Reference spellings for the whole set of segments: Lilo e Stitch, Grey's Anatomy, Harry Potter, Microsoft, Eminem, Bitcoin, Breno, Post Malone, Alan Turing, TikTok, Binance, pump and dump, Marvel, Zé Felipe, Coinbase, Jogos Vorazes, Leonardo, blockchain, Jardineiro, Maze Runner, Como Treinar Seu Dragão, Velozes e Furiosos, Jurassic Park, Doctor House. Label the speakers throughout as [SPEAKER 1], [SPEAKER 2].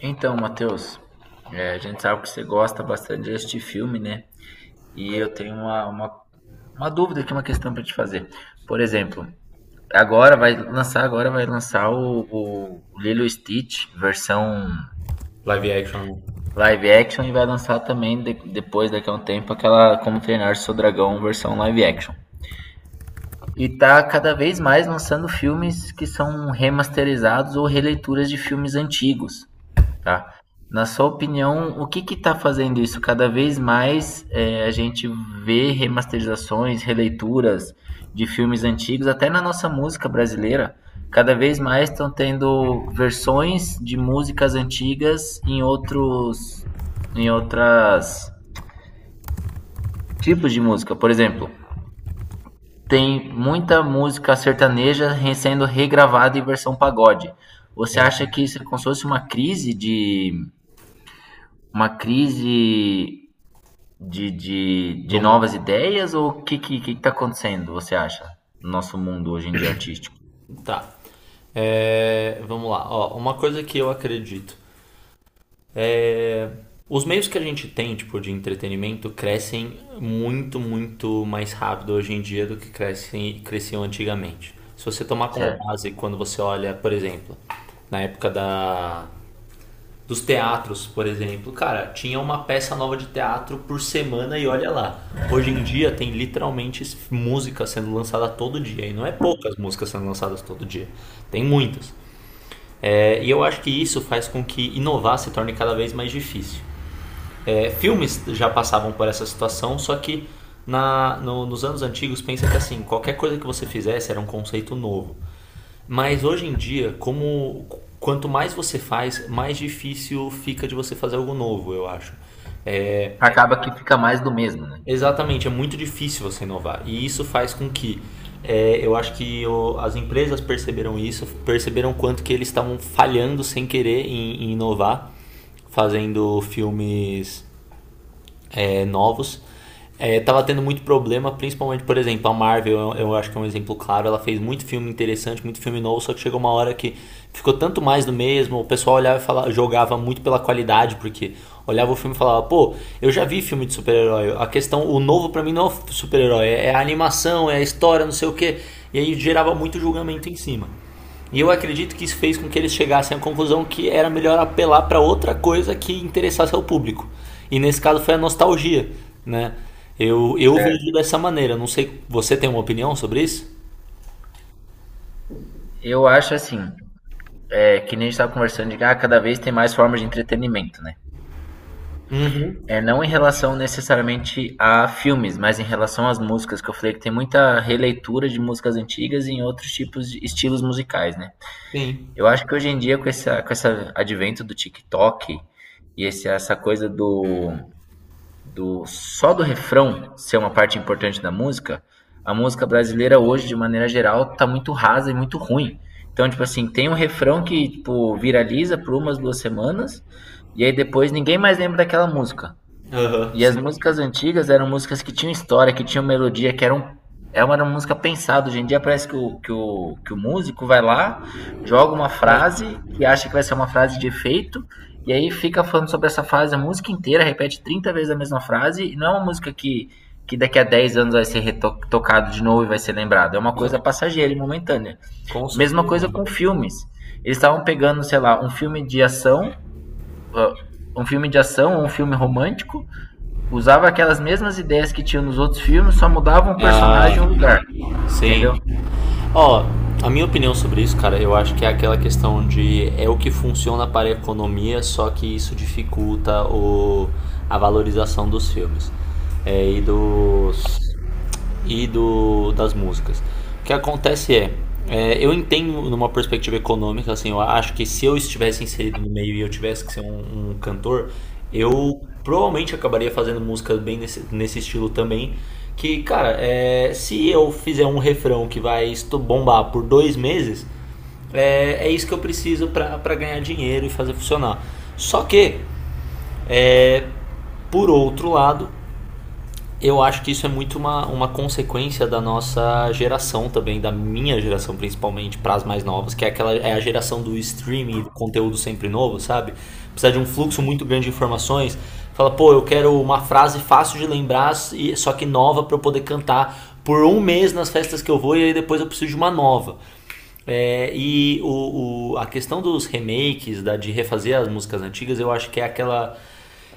[SPEAKER 1] Então, Matheus, a gente sabe que você gosta bastante deste filme, né? E eu tenho uma dúvida aqui, uma questão para te fazer. Por exemplo, agora vai lançar o Lilo e Stitch, versão
[SPEAKER 2] Live action
[SPEAKER 1] live action, e vai lançar também depois, daqui a um tempo, aquela Como Treinar Seu Dragão, versão live action. E tá cada vez mais lançando filmes que são remasterizados ou releituras de filmes antigos. Tá. Na sua opinião, o que está fazendo isso? Cada vez mais, a gente vê remasterizações, releituras de filmes antigos, até na nossa música brasileira, cada vez mais estão tendo versões de músicas antigas em outros em outras tipos de música. Por exemplo, tem muita música sertaneja sendo regravada em versão pagode. Você acha que isso é como se fosse uma crise de
[SPEAKER 2] do mundo.
[SPEAKER 1] novas ideias ou o que tá acontecendo, você acha, no nosso mundo hoje em dia artístico?
[SPEAKER 2] Tá. É, vamos lá. Ó, uma coisa que eu acredito. Os meios que a gente tem, tipo, de entretenimento, crescem muito, muito mais rápido hoje em dia do que cresciam antigamente. Se você tomar como
[SPEAKER 1] Certo.
[SPEAKER 2] base, quando você olha, por exemplo, na época da dos teatros, por exemplo. Cara, tinha uma peça nova de teatro por semana e olha lá. Hoje em dia tem literalmente música sendo lançada todo dia. E não é poucas músicas sendo lançadas todo dia. Tem muitas. É, e eu acho que isso faz com que inovar se torne cada vez mais difícil. É, filmes já passavam por essa situação, só que na, no, nos anos antigos pensa que assim, qualquer coisa que você fizesse era um conceito novo. Mas hoje em dia, como quanto mais você faz, mais difícil fica de você fazer algo novo, eu acho. É,
[SPEAKER 1] Acaba que fica mais do mesmo, né?
[SPEAKER 2] exatamente, é muito difícil você inovar. E isso faz com que eu acho que as empresas perceberam isso, perceberam quanto que eles estavam falhando sem querer em inovar, fazendo filmes novos. É, tava tendo muito problema, principalmente, por exemplo, a Marvel, eu acho que é um exemplo claro, ela fez muito filme interessante, muito filme novo, só que chegou uma hora que ficou tanto mais do mesmo, o pessoal olhava e falava, jogava muito pela qualidade, porque olhava o filme e falava, pô, eu já vi filme de super-herói, a questão, o novo para mim não é super-herói, é a animação, é a história, não sei o que, e aí gerava muito julgamento em cima. E eu acredito que isso fez com que eles chegassem à conclusão que era melhor apelar para outra coisa que interessasse ao público. E nesse caso foi a nostalgia, né? Eu vejo
[SPEAKER 1] Certo.
[SPEAKER 2] dessa maneira. Não sei, você tem uma opinião sobre isso?
[SPEAKER 1] Eu acho assim, que nem a gente estava conversando de que ah, cada vez tem mais formas de entretenimento, né? É, não em relação necessariamente a filmes, mas em relação às músicas, que eu falei que tem muita releitura de músicas antigas em outros tipos de estilos musicais, né?
[SPEAKER 2] Sim.
[SPEAKER 1] Eu acho que hoje em dia, com esse advento do TikTok e essa coisa do só do refrão ser uma parte importante da música, a música brasileira hoje, de maneira geral, tá muito rasa e muito ruim. Então, tipo assim, tem um refrão que, tipo, viraliza por umas 2 semanas, e aí depois ninguém mais lembra daquela música.
[SPEAKER 2] Aham,
[SPEAKER 1] E
[SPEAKER 2] sim.
[SPEAKER 1] as músicas antigas eram músicas que tinham história, que tinham melodia, que eram. Era uma música pensada. Hoje em dia parece que o músico vai lá, joga uma frase que acha que vai ser uma frase de efeito, e aí fica falando sobre essa frase a música inteira, repete 30 vezes a mesma frase, e não é uma música que daqui a 10 anos vai ser retocado de novo e vai ser lembrado. É uma coisa passageira e momentânea.
[SPEAKER 2] Com
[SPEAKER 1] Mesma
[SPEAKER 2] certeza.
[SPEAKER 1] coisa com filmes. Eles estavam pegando, sei lá, um filme de ação, ah, um filme de ação, ou um filme romântico, usava aquelas mesmas ideias que tinha nos outros filmes, só mudava um personagem e um lugar,
[SPEAKER 2] Sim.
[SPEAKER 1] entendeu?
[SPEAKER 2] Ó, a minha opinião sobre isso, cara, eu acho que é aquela questão de o que funciona para a economia, só que isso dificulta a valorização dos filmes e das músicas. O que acontece é, eu entendo numa perspectiva econômica, assim, eu acho que se eu estivesse inserido no meio e eu tivesse que ser um cantor, eu provavelmente acabaria fazendo música bem nesse estilo também. Que, cara, se eu fizer um refrão que vai bombar por 2 meses, é isso que eu preciso pra ganhar dinheiro e fazer funcionar. Só que, é, por outro lado, eu acho que isso é muito uma consequência da nossa geração também, da minha geração principalmente, para as mais novas, que é aquela é a geração do streaming, do conteúdo sempre novo, sabe? Precisa de um fluxo muito grande de informações. Fala, pô, eu quero uma frase fácil de lembrar, só que nova para eu poder cantar por um mês nas festas que eu vou e aí depois eu preciso de uma nova. É, e a questão dos remakes, de refazer as músicas antigas, eu acho que é aquela.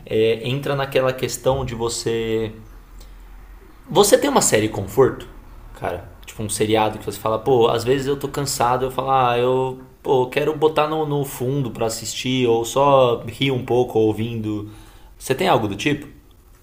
[SPEAKER 2] Entra naquela questão de você tem uma série conforto, cara? Tipo um seriado que você fala, pô, às vezes eu tô cansado, eu falo, ah, eu pô, quero botar no fundo pra assistir, ou só rir um pouco ouvindo. Você tem algo do tipo?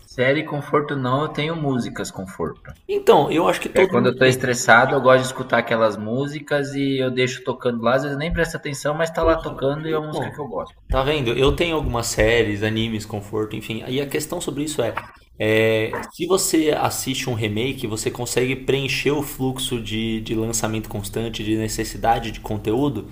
[SPEAKER 1] Série conforto não, eu tenho músicas conforto.
[SPEAKER 2] Então, eu acho que
[SPEAKER 1] É
[SPEAKER 2] todo
[SPEAKER 1] quando
[SPEAKER 2] mundo
[SPEAKER 1] eu tô
[SPEAKER 2] tem.
[SPEAKER 1] estressado, eu gosto de escutar aquelas músicas e eu deixo tocando lá, às vezes eu nem presto atenção, mas tá
[SPEAKER 2] Pô,
[SPEAKER 1] lá tocando e é uma música que
[SPEAKER 2] então,
[SPEAKER 1] eu gosto.
[SPEAKER 2] tá vendo? Eu tenho algumas séries, animes, conforto, enfim. E a questão sobre isso é, se você assiste um remake, você consegue preencher o fluxo de lançamento constante, de necessidade de conteúdo,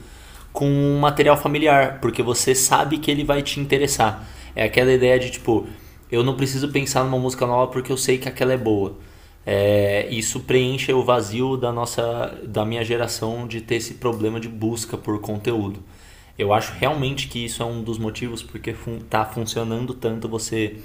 [SPEAKER 2] com um material familiar, porque você sabe que ele vai te interessar. É aquela ideia de tipo, eu não preciso pensar numa música nova porque eu sei que aquela é boa. É, isso preenche o vazio da nossa, da minha geração de ter esse problema de busca por conteúdo. Eu acho realmente
[SPEAKER 1] Entendi.
[SPEAKER 2] que isso é um dos motivos porque está fun tá funcionando tanto você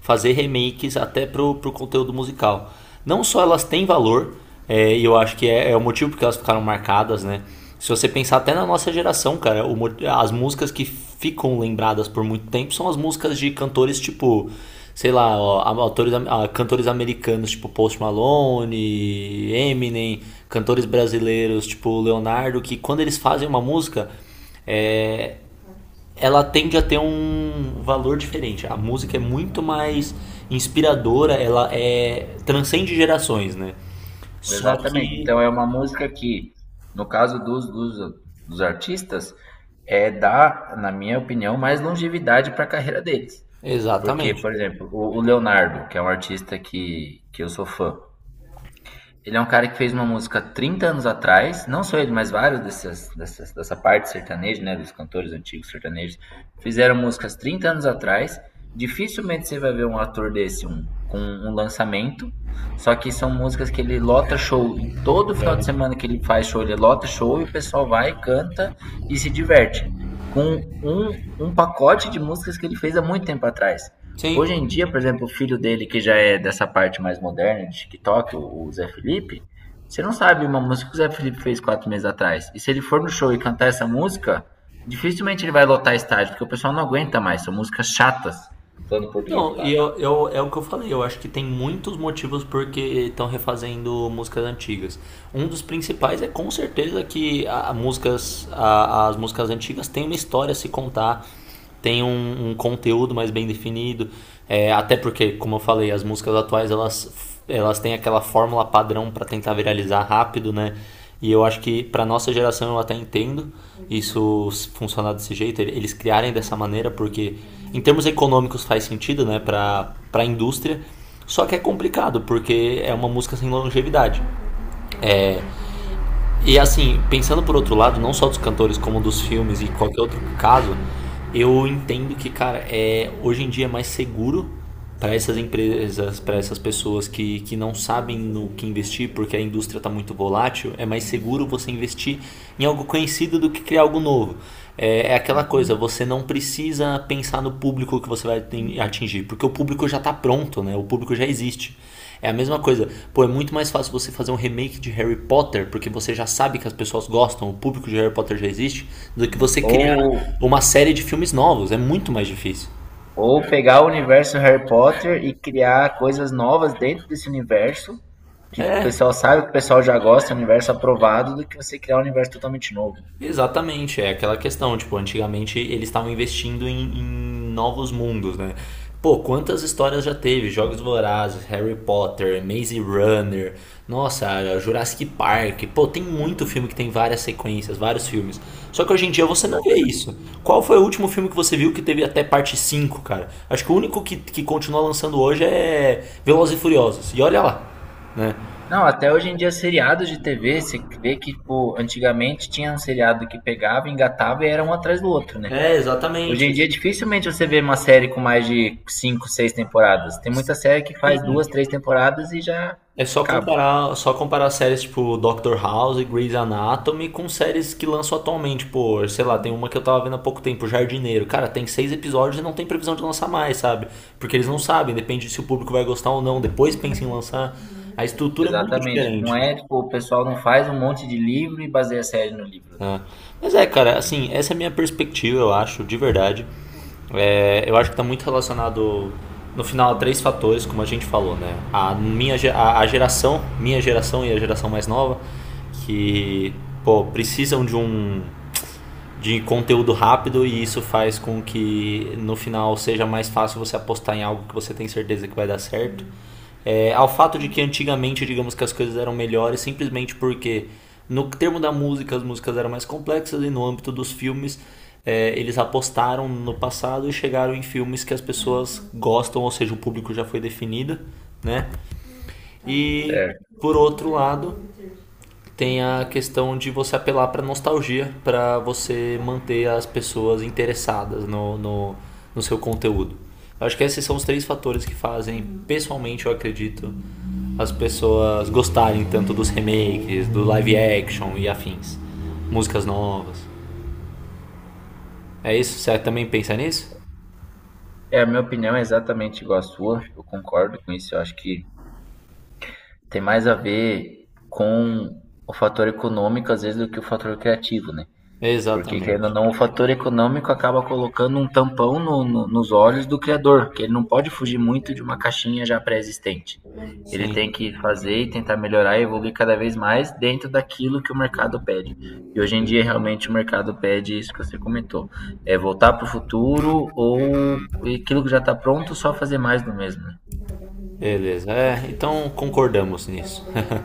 [SPEAKER 2] fazer remakes até pro conteúdo musical. Não só elas têm valor, eu acho que é o motivo porque elas ficaram marcadas, né? Se você pensar até na nossa geração, cara, as músicas que ficam lembradas por muito tempo são as músicas de cantores tipo, sei lá, ó, autores, ó, cantores americanos tipo Post Malone, Eminem, cantores brasileiros tipo Leonardo, que quando eles fazem uma música, é, ela tende a ter um valor diferente. A música é muito mais inspiradora, ela transcende gerações, né? Só
[SPEAKER 1] Exatamente. Então
[SPEAKER 2] que
[SPEAKER 1] é uma música que, no caso dos, dos, dos artistas, dá, na minha opinião, mais longevidade para a carreira deles. Porque, por
[SPEAKER 2] exatamente.
[SPEAKER 1] exemplo, o Leonardo, que é um artista que eu sou fã, ele é um cara que fez uma música 30 anos atrás, não só ele, mas vários dessa parte sertaneja, né, dos cantores antigos sertanejos, fizeram músicas 30 anos atrás. Dificilmente você vai ver um ator desse um, com um lançamento, só que são músicas que ele lota show, em todo final de semana que ele faz show, ele lota show e o pessoal vai, canta e se diverte. Com um pacote de músicas que ele fez há muito tempo atrás.
[SPEAKER 2] Sim.
[SPEAKER 1] Hoje em dia, por exemplo, o filho dele, que já é dessa parte mais moderna de TikTok, o Zé Felipe, você não sabe uma música que o Zé Felipe fez 4 meses atrás. E se ele for no show e cantar essa música, dificilmente ele vai lotar estádio, porque o pessoal não aguenta mais. São músicas chatas, falando em português,
[SPEAKER 2] Então,
[SPEAKER 1] claro.
[SPEAKER 2] é o que eu falei, eu acho que tem muitos motivos porque estão refazendo músicas antigas. Um dos principais é com certeza que as músicas antigas têm uma história a se contar, tem um conteúdo mais bem definido, até porque, como eu falei, as músicas atuais elas têm aquela fórmula padrão para tentar viralizar rápido, né? E eu acho que para nossa geração eu até entendo isso funcionar desse jeito, eles criarem dessa maneira, porque em termos econômicos faz sentido, né, para a indústria. Só que é complicado, porque é uma música sem longevidade. E assim, pensando por outro lado, não só dos cantores, como dos filmes e qualquer outro caso, eu entendo que, cara, hoje em dia é mais seguro para essas empresas, para essas pessoas que não sabem no que investir, porque a indústria está muito volátil, é mais seguro você investir em algo conhecido do que criar algo novo. É, é aquela coisa, você não precisa pensar no público que você vai atingir, porque o público já está pronto, né? O público já existe. É a mesma coisa. Pô, é muito mais fácil você fazer um remake de Harry Potter, porque você já sabe que as pessoas gostam, o público de Harry Potter já existe, do que você criar
[SPEAKER 1] Ou,
[SPEAKER 2] uma série de filmes novos. É muito mais difícil.
[SPEAKER 1] ou pegar o universo Harry Potter e criar coisas novas dentro desse universo, que o
[SPEAKER 2] É,
[SPEAKER 1] pessoal sabe, que o pessoal já gosta, universo aprovado, do que você criar um universo totalmente novo.
[SPEAKER 2] exatamente, é aquela questão, tipo, antigamente eles estavam investindo em, novos mundos, né? Pô, quantas histórias já teve? Jogos Vorazes, Harry Potter, Maze Runner, nossa, Jurassic Park. Pô, tem muito filme que tem várias sequências, vários filmes. Só que hoje em dia você não vê
[SPEAKER 1] Exatamente.
[SPEAKER 2] isso. Qual foi o último filme que você viu que teve até parte 5, cara? Acho que o único que continua lançando hoje é Velozes e Furiosos. E olha lá, né?
[SPEAKER 1] Não, até hoje em dia, seriados de TV, você vê que, tipo, antigamente tinha um seriado que pegava, engatava e era um atrás do outro, né?
[SPEAKER 2] É, exatamente.
[SPEAKER 1] Hoje em dia, dificilmente você vê uma série com mais de cinco, seis temporadas. Tem muita série que faz duas,
[SPEAKER 2] Sim.
[SPEAKER 1] três temporadas e já
[SPEAKER 2] É
[SPEAKER 1] acaba.
[SPEAKER 2] só comparar séries tipo Doctor House e Grey's Anatomy com séries que lançam atualmente. Pô, sei lá, tem uma que eu tava vendo há pouco tempo, Jardineiro. Cara, tem 6 episódios e não tem previsão de lançar mais, sabe? Porque eles não sabem, depende se o público vai gostar ou não. Depois pensa em lançar. A estrutura é muito
[SPEAKER 1] Exatamente. Não
[SPEAKER 2] diferente.
[SPEAKER 1] é, tipo, o pessoal não faz um monte de livro e baseia a série no livro, né?
[SPEAKER 2] Né? Mas é, cara,
[SPEAKER 1] Hoje em dia.
[SPEAKER 2] assim, essa é a minha perspectiva, eu acho, de verdade. É, eu acho que está muito relacionado, no final, a 3 fatores, como a gente falou, né? A geração, minha geração e a geração mais nova, que, pô, precisam de conteúdo rápido e isso faz com que no final seja mais fácil você apostar em algo que você tem certeza que vai dar certo ao fato de que antigamente, digamos que as coisas eram melhores simplesmente porque, no termo da música, as músicas eram mais complexas e no âmbito dos filmes, eles apostaram no passado e chegaram em filmes que as pessoas gostam, ou seja, o público já foi definido, né? E,
[SPEAKER 1] Certo.
[SPEAKER 2] por outro lado, tem a questão de você apelar para nostalgia, para você manter as pessoas interessadas no seu conteúdo. Eu acho que esses são os 3 fatores que fazem, pessoalmente, eu acredito, as pessoas gostarem tanto dos remakes, do live action e afins, músicas novas. É isso? Você também pensa nisso?
[SPEAKER 1] É, a minha opinião é exatamente igual à sua. Eu concordo com isso. Eu acho que tem mais a ver com o fator econômico, às vezes, do que o fator criativo, né? Porque, querendo ou
[SPEAKER 2] Exatamente.
[SPEAKER 1] não, o fator econômico acaba colocando um tampão nos olhos do criador, que ele não pode fugir muito de uma caixinha já pré-existente. Ele tem
[SPEAKER 2] Sim.
[SPEAKER 1] que fazer e tentar melhorar e evoluir cada vez mais dentro daquilo que o mercado pede. E hoje em dia, realmente, o mercado pede isso que você comentou. É voltar para o futuro ou aquilo que já está pronto, só fazer mais do mesmo, né?
[SPEAKER 2] Beleza. É, então concordamos nisso.